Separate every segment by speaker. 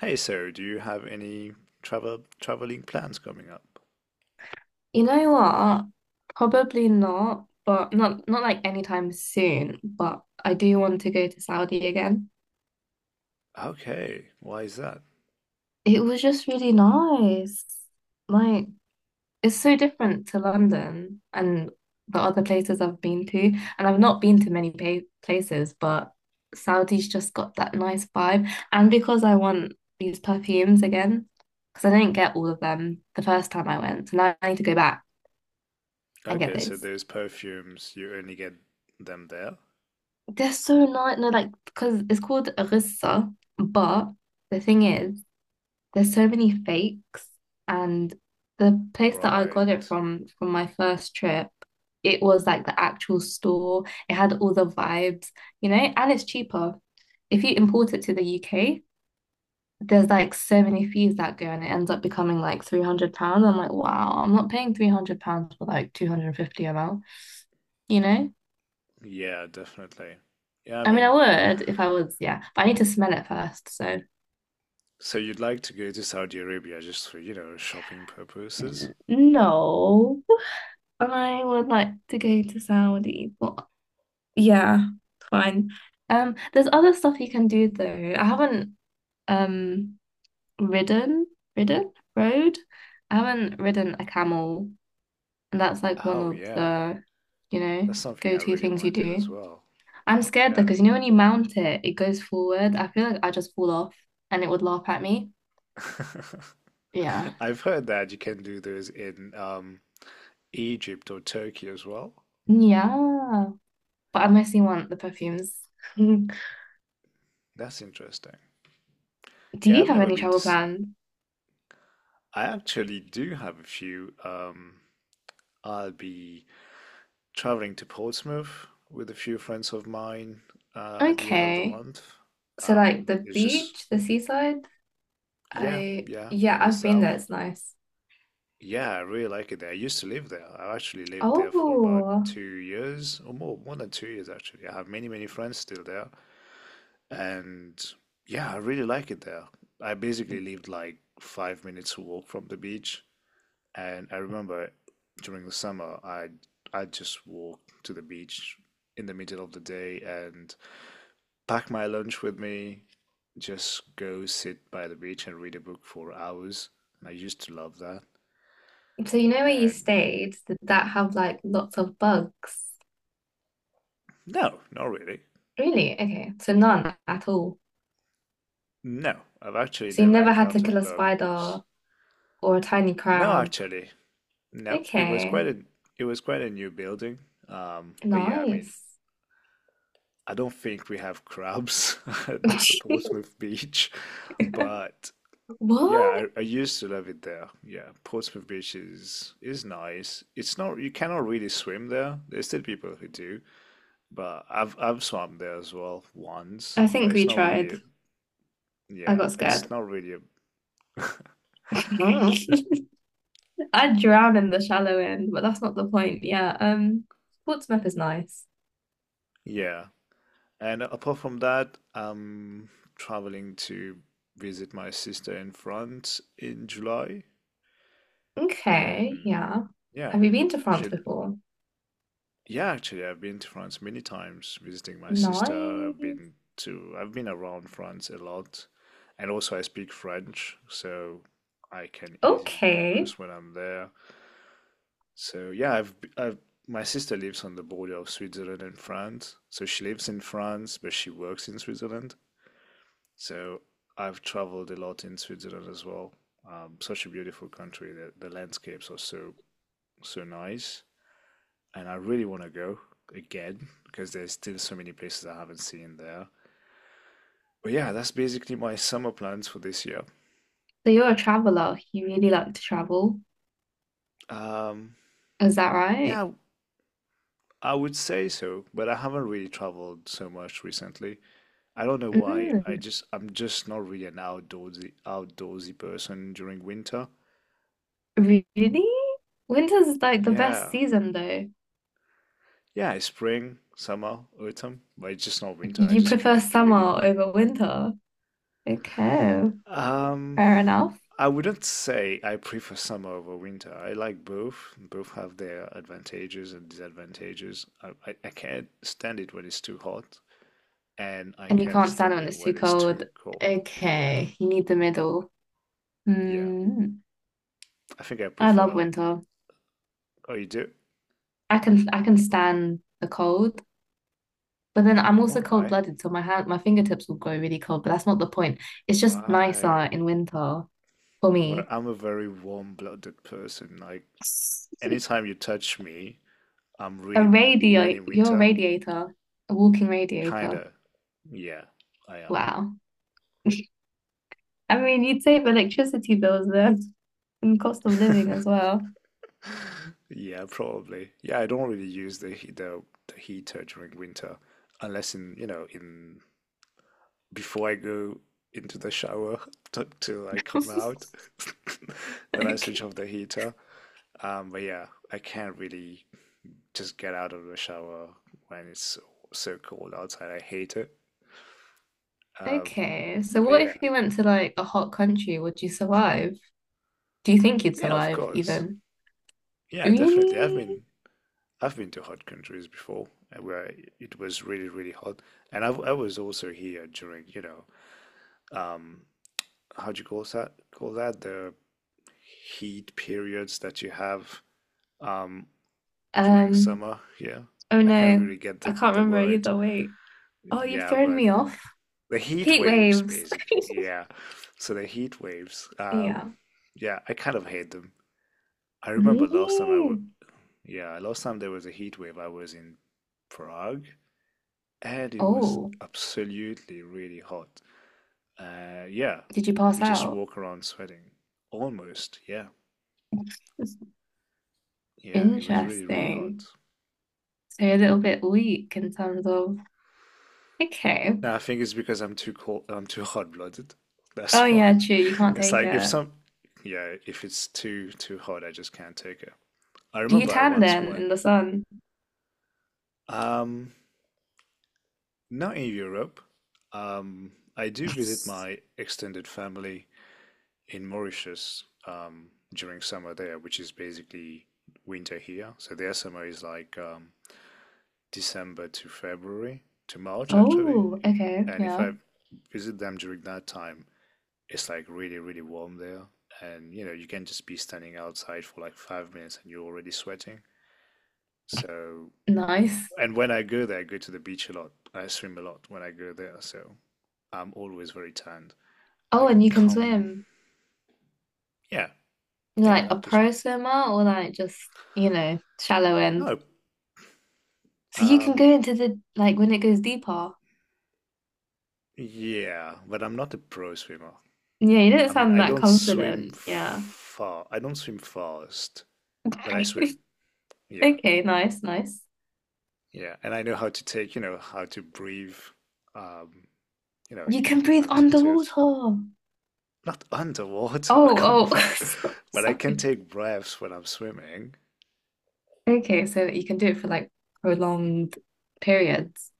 Speaker 1: Hey, so do you have any traveling plans coming up?
Speaker 2: You know what? Probably not, but not like anytime soon, but I do want to go to Saudi again.
Speaker 1: Okay, why is that?
Speaker 2: It was just really nice. Like it's so different to London and the other places I've been to, and I've not been to many pa places, but Saudi's just got that nice vibe. And because I want these perfumes again, because I didn't get all of them the first time I went, so now I need to go back and get
Speaker 1: Okay, so
Speaker 2: those.
Speaker 1: those perfumes, you only get them there?
Speaker 2: They're so nice. No, like, because it's called Arissa, but the thing is, there's so many fakes, and the place that I got it
Speaker 1: Right.
Speaker 2: from my first trip, it was like the actual store. It had all the vibes, and it's cheaper. If you import it to the UK, there's like so many fees that go, and it ends up becoming like £300. I'm like, wow, I'm not paying £300 for like 250 ml, you know?
Speaker 1: Yeah, definitely. Yeah, I
Speaker 2: I mean, I
Speaker 1: mean,
Speaker 2: would if I was, yeah, but I need to smell it first, so.
Speaker 1: so you'd like to go to Saudi Arabia just for, you know, shopping purposes?
Speaker 2: No, I would like to go to Saudi, but yeah, fine. There's other stuff you can do though. I haven't um ridden, rode. I haven't ridden a camel, and that's like one
Speaker 1: Oh,
Speaker 2: of
Speaker 1: yeah.
Speaker 2: the, you know,
Speaker 1: That's something I
Speaker 2: go-to
Speaker 1: really
Speaker 2: things you
Speaker 1: want to do as
Speaker 2: do.
Speaker 1: well.
Speaker 2: I'm scared though,
Speaker 1: Yeah.
Speaker 2: because you know when you mount it, it goes forward. I feel like I just fall off, and it would laugh at me. Yeah,
Speaker 1: I've heard that you can do those in Egypt or Turkey as well.
Speaker 2: yeah. But I mostly want the perfumes.
Speaker 1: That's interesting.
Speaker 2: Do
Speaker 1: Yeah,
Speaker 2: you
Speaker 1: I've
Speaker 2: have
Speaker 1: never
Speaker 2: any
Speaker 1: been to.
Speaker 2: travel
Speaker 1: S-
Speaker 2: plans?
Speaker 1: I actually do have a few. I'll be traveling to Portsmouth with a few friends of mine at the end of the
Speaker 2: Okay.
Speaker 1: month.
Speaker 2: So like
Speaker 1: Um,
Speaker 2: the
Speaker 1: it's just,
Speaker 2: beach, the seaside,
Speaker 1: yeah,
Speaker 2: I
Speaker 1: yeah,
Speaker 2: yeah,
Speaker 1: in the
Speaker 2: I've been
Speaker 1: south.
Speaker 2: there, it's nice.
Speaker 1: Yeah, I really like it there. I used to live there. I actually lived there for about
Speaker 2: Oh,
Speaker 1: 2 years or more, more than 2 years actually. I have many, many friends still there. And yeah, I really like it there. I basically lived like 5 minutes walk from the beach. And I remember during the summer, I just walk to the beach in the middle of the day and pack my lunch with me, just go sit by the beach and read a book for hours. And I used to love that.
Speaker 2: so you know where you
Speaker 1: And
Speaker 2: stayed? Did that have like lots of bugs?
Speaker 1: no, not really.
Speaker 2: Really? Okay. So none at all.
Speaker 1: No, I've actually
Speaker 2: So you
Speaker 1: never
Speaker 2: never had to kill
Speaker 1: encountered
Speaker 2: a
Speaker 1: bugs.
Speaker 2: spider or a tiny
Speaker 1: No,
Speaker 2: crab.
Speaker 1: actually, no. It was
Speaker 2: Okay.
Speaker 1: quite a it was quite a new building. But yeah, I mean,
Speaker 2: Nice.
Speaker 1: I don't think we have crabs at the Portsmouth beach, but yeah, I,
Speaker 2: What?
Speaker 1: I used to love it there. Yeah, Portsmouth Beach is nice. It's not you cannot really swim there. There's still people who do, but I've swum there as well once,
Speaker 2: I
Speaker 1: but
Speaker 2: think we
Speaker 1: it's not
Speaker 2: tried.
Speaker 1: really a-
Speaker 2: I
Speaker 1: yeah,
Speaker 2: got
Speaker 1: it's
Speaker 2: scared.
Speaker 1: not really a,
Speaker 2: I'd drown in the shallow end, but that's not the point. Yeah. Portsmouth is nice.
Speaker 1: yeah. And apart from that, I'm traveling to visit my sister in France in July,
Speaker 2: Okay.
Speaker 1: and
Speaker 2: Yeah.
Speaker 1: yeah,
Speaker 2: Have you been to France
Speaker 1: she'll.
Speaker 2: before?
Speaker 1: Yeah, actually, I've been to France many times visiting my sister.
Speaker 2: Nice.
Speaker 1: I've been around France a lot. And also, I speak French, so I can easily
Speaker 2: Okay.
Speaker 1: converse when I'm there. So, yeah, my sister lives on the border of Switzerland and France. So, she lives in France, but she works in Switzerland. So, I've traveled a lot in Switzerland as well. Such a beautiful country. The landscapes are so, so nice and I really want to go again because there's still so many places I haven't seen there. But yeah, that's basically my summer plans for this year.
Speaker 2: So you're a traveler. You really like to travel.
Speaker 1: Um,
Speaker 2: Is that right?
Speaker 1: yeah, I would say so, but I haven't really traveled so much recently. I don't know why.
Speaker 2: Mm.
Speaker 1: I'm just not really an outdoorsy person during winter.
Speaker 2: Really? Winter's like the best
Speaker 1: Yeah.
Speaker 2: season, though.
Speaker 1: Yeah, spring, summer, autumn, but it's just not winter. I
Speaker 2: You
Speaker 1: just
Speaker 2: prefer
Speaker 1: can't really.
Speaker 2: summer over winter. Okay.
Speaker 1: Um,
Speaker 2: Fair enough.
Speaker 1: I wouldn't say I prefer summer over winter. I like both. Both have their advantages and disadvantages. I can't stand it when it's too hot, and I
Speaker 2: And you
Speaker 1: can't
Speaker 2: can't stand it
Speaker 1: stand
Speaker 2: when
Speaker 1: it
Speaker 2: it's too
Speaker 1: when it's
Speaker 2: cold.
Speaker 1: too cold. Yeah,
Speaker 2: Okay. You need the middle.
Speaker 1: yeah.
Speaker 2: Mm.
Speaker 1: I think I
Speaker 2: I love
Speaker 1: prefer.
Speaker 2: winter.
Speaker 1: Oh, you do?
Speaker 2: I can stand the cold, but then I'm
Speaker 1: All
Speaker 2: also
Speaker 1: right,
Speaker 2: cold-blooded, so my fingertips will go really cold, but that's not the point. It's just nicer
Speaker 1: right.
Speaker 2: in winter for
Speaker 1: Well,
Speaker 2: me.
Speaker 1: I'm a very warm-blooded person. Like, anytime you touch me, I'm
Speaker 2: A
Speaker 1: really warm, even
Speaker 2: radiator,
Speaker 1: in
Speaker 2: you're a
Speaker 1: winter.
Speaker 2: radiator, a walking radiator.
Speaker 1: Kinda. Yeah, I
Speaker 2: Wow. I mean, you'd save electricity bills there and cost of living
Speaker 1: am.
Speaker 2: as well.
Speaker 1: Yeah, probably. Yeah, I don't really use the heater during winter unless in, you know, in before I go into the shower t till I come out. Then I switch
Speaker 2: Okay.
Speaker 1: off the heater. But yeah, I can't really just get out of the shower when it's so, so cold outside. I hate it. Um,
Speaker 2: Okay. So
Speaker 1: but
Speaker 2: what
Speaker 1: yeah.
Speaker 2: if you went to like a hot country? Would you survive? Do you think you'd
Speaker 1: Yeah, of
Speaker 2: survive
Speaker 1: course.
Speaker 2: even?
Speaker 1: Yeah, definitely.
Speaker 2: Really?
Speaker 1: I've been to hot countries before where it was really, really hot, and I was also here during, you know, um, how do you call that? Call that the heat periods that you have um, during
Speaker 2: Um,
Speaker 1: summer. Yeah,
Speaker 2: Oh
Speaker 1: I can't
Speaker 2: no,
Speaker 1: really get
Speaker 2: I
Speaker 1: the
Speaker 2: can't
Speaker 1: the
Speaker 2: remember
Speaker 1: word.
Speaker 2: either. Wait. Oh, you've
Speaker 1: Yeah,
Speaker 2: thrown
Speaker 1: but
Speaker 2: me off.
Speaker 1: the heat
Speaker 2: Heat
Speaker 1: waves,
Speaker 2: waves.
Speaker 1: basically. Yeah, so the heat waves.
Speaker 2: Yeah.
Speaker 1: Yeah, I kind of hate them. I remember last time I w
Speaker 2: Really?
Speaker 1: yeah, last time there was a heat wave, I was in Prague and it was
Speaker 2: Oh,
Speaker 1: absolutely really hot. Yeah,
Speaker 2: did you
Speaker 1: we
Speaker 2: pass
Speaker 1: just
Speaker 2: out?
Speaker 1: walk around sweating. Almost, yeah, yeah. It was really, really hot.
Speaker 2: Interesting. So you're a little bit weak in terms of. Okay.
Speaker 1: Now I think it's because I'm too cold. I'm too hot-blooded.
Speaker 2: Oh
Speaker 1: That's why.
Speaker 2: yeah, true. You can't
Speaker 1: It's
Speaker 2: take
Speaker 1: like if
Speaker 2: it.
Speaker 1: some, yeah, if it's too hot, I just can't take it. I
Speaker 2: Do you
Speaker 1: remember I
Speaker 2: tan
Speaker 1: once
Speaker 2: then
Speaker 1: went.
Speaker 2: in the sun?
Speaker 1: Um, not in Europe. I do visit my extended family in Mauritius during summer there, which is basically winter here. So their summer is like December to February to March actually.
Speaker 2: Oh, okay.
Speaker 1: And if
Speaker 2: Yeah.
Speaker 1: I visit them during that time, it's like really, really warm there. And you know, you can just be standing outside for like 5 minutes and you're already sweating. So,
Speaker 2: Nice.
Speaker 1: and when I go there, I go to the beach a lot. I swim a lot when I go there. So I'm always very tanned.
Speaker 2: Oh,
Speaker 1: I
Speaker 2: and you can
Speaker 1: come,
Speaker 2: swim.
Speaker 1: yeah,
Speaker 2: You're
Speaker 1: yeah, I
Speaker 2: like a
Speaker 1: like to
Speaker 2: pro
Speaker 1: swim.
Speaker 2: swimmer or like just, you know, shallow end?
Speaker 1: No,
Speaker 2: So you can
Speaker 1: um,
Speaker 2: go into the like when it goes deeper.
Speaker 1: yeah, but I'm not a pro swimmer.
Speaker 2: Yeah, you don't
Speaker 1: I mean,
Speaker 2: sound
Speaker 1: I
Speaker 2: that
Speaker 1: don't swim
Speaker 2: confident. Yeah.
Speaker 1: far. I don't swim fast, but I swim. Yeah,
Speaker 2: Okay, nice, nice.
Speaker 1: yeah, and I know how to take, you know, how to breathe. Um, you know,
Speaker 2: You can
Speaker 1: you
Speaker 2: breathe
Speaker 1: have to
Speaker 2: underwater.
Speaker 1: tilt.
Speaker 2: Oh,
Speaker 1: Not underwater, come
Speaker 2: oh,
Speaker 1: on. But I can
Speaker 2: sorry.
Speaker 1: take breaths when I'm swimming.
Speaker 2: Okay, so you can do it for like prolonged periods.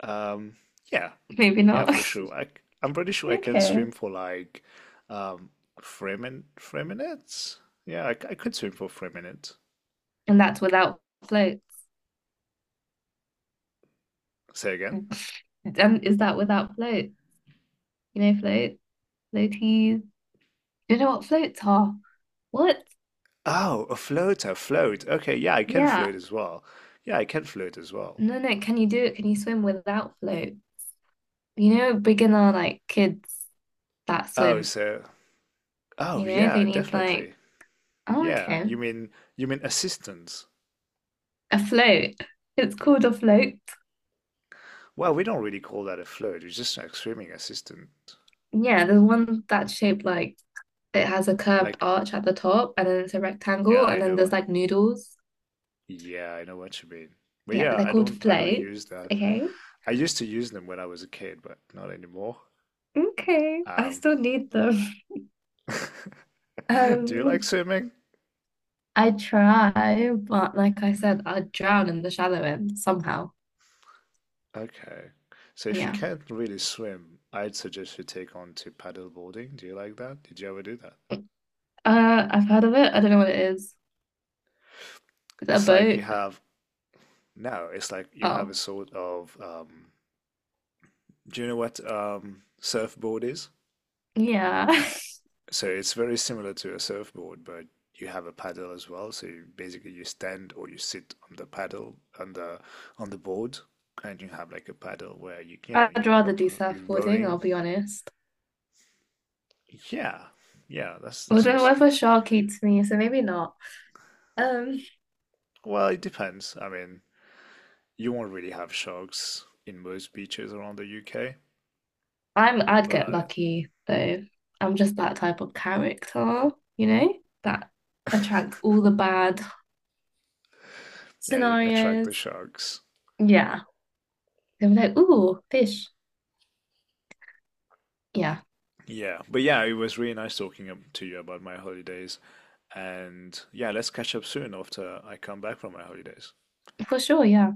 Speaker 1: Um, yeah,
Speaker 2: Maybe
Speaker 1: yeah,
Speaker 2: not.
Speaker 1: for sure. I am pretty sure I can
Speaker 2: Okay.
Speaker 1: swim for like um, 3 minutes. Yeah, I could swim for 3 minutes.
Speaker 2: And that's without floats.
Speaker 1: Say again.
Speaker 2: And is that without float? You know, float, floaties. You know what floats are? What?
Speaker 1: Oh, a float. Okay, yeah, I can float
Speaker 2: Yeah.
Speaker 1: as well. Yeah, I can float as well.
Speaker 2: No, no. Can you do it? Can you swim without float? You know, beginner like kids that
Speaker 1: Oh,
Speaker 2: swim,
Speaker 1: so, oh
Speaker 2: you know, they
Speaker 1: yeah,
Speaker 2: need like,
Speaker 1: definitely.
Speaker 2: oh,
Speaker 1: Yeah,
Speaker 2: okay,
Speaker 1: you mean assistance?
Speaker 2: a float. It's called a float.
Speaker 1: Well, we don't really call that a float. It's just like swimming assistant.
Speaker 2: Yeah, there's one that's shaped like it has a curved
Speaker 1: Like,
Speaker 2: arch at the top and then it's a
Speaker 1: yeah,
Speaker 2: rectangle
Speaker 1: I
Speaker 2: and then
Speaker 1: know.
Speaker 2: there's like noodles.
Speaker 1: Yeah, I know what you mean. But
Speaker 2: Yeah,
Speaker 1: yeah,
Speaker 2: they're called
Speaker 1: I don't
Speaker 2: floats.
Speaker 1: use that.
Speaker 2: Okay.
Speaker 1: I used to use them when I was a kid, but not anymore.
Speaker 2: Okay. I
Speaker 1: Um,
Speaker 2: still need them.
Speaker 1: do you like
Speaker 2: Um,
Speaker 1: swimming?
Speaker 2: I try, but like I said, I drown in the shallow end somehow.
Speaker 1: Okay. So if you
Speaker 2: Yeah.
Speaker 1: can't really swim, I'd suggest you take on to paddleboarding. Do you like that? Did you ever do that?
Speaker 2: Uh, I've heard of it. I don't know what it is. Is it a
Speaker 1: It's like you
Speaker 2: boat?
Speaker 1: have no, it's like you have a
Speaker 2: Oh.
Speaker 1: sort of do you know what surfboard is?
Speaker 2: Yeah,
Speaker 1: So it's very similar to a surfboard, but you have a paddle as well. So you, basically you stand or you sit on the paddle on the board and you have like a paddle where you know
Speaker 2: I'd
Speaker 1: you're
Speaker 2: rather do
Speaker 1: you're
Speaker 2: surfboarding, I'll
Speaker 1: rowing.
Speaker 2: be honest.
Speaker 1: Yeah. Yeah, that's
Speaker 2: Although
Speaker 1: what's
Speaker 2: whether shark eats me, so maybe not. Um,
Speaker 1: well, it depends. I mean, you won't really have sharks in most beaches around the UK,
Speaker 2: I'd get
Speaker 1: but
Speaker 2: lucky though. I'm just that type of character, you know, that attracts all the bad
Speaker 1: yeah, you attract the
Speaker 2: scenarios.
Speaker 1: sharks.
Speaker 2: Yeah. They'll be like, ooh, fish. Yeah,
Speaker 1: Yeah, but yeah, it was really nice talking to you about my holidays. And yeah, let's catch up soon after I come back from my holidays.
Speaker 2: for sure, yeah.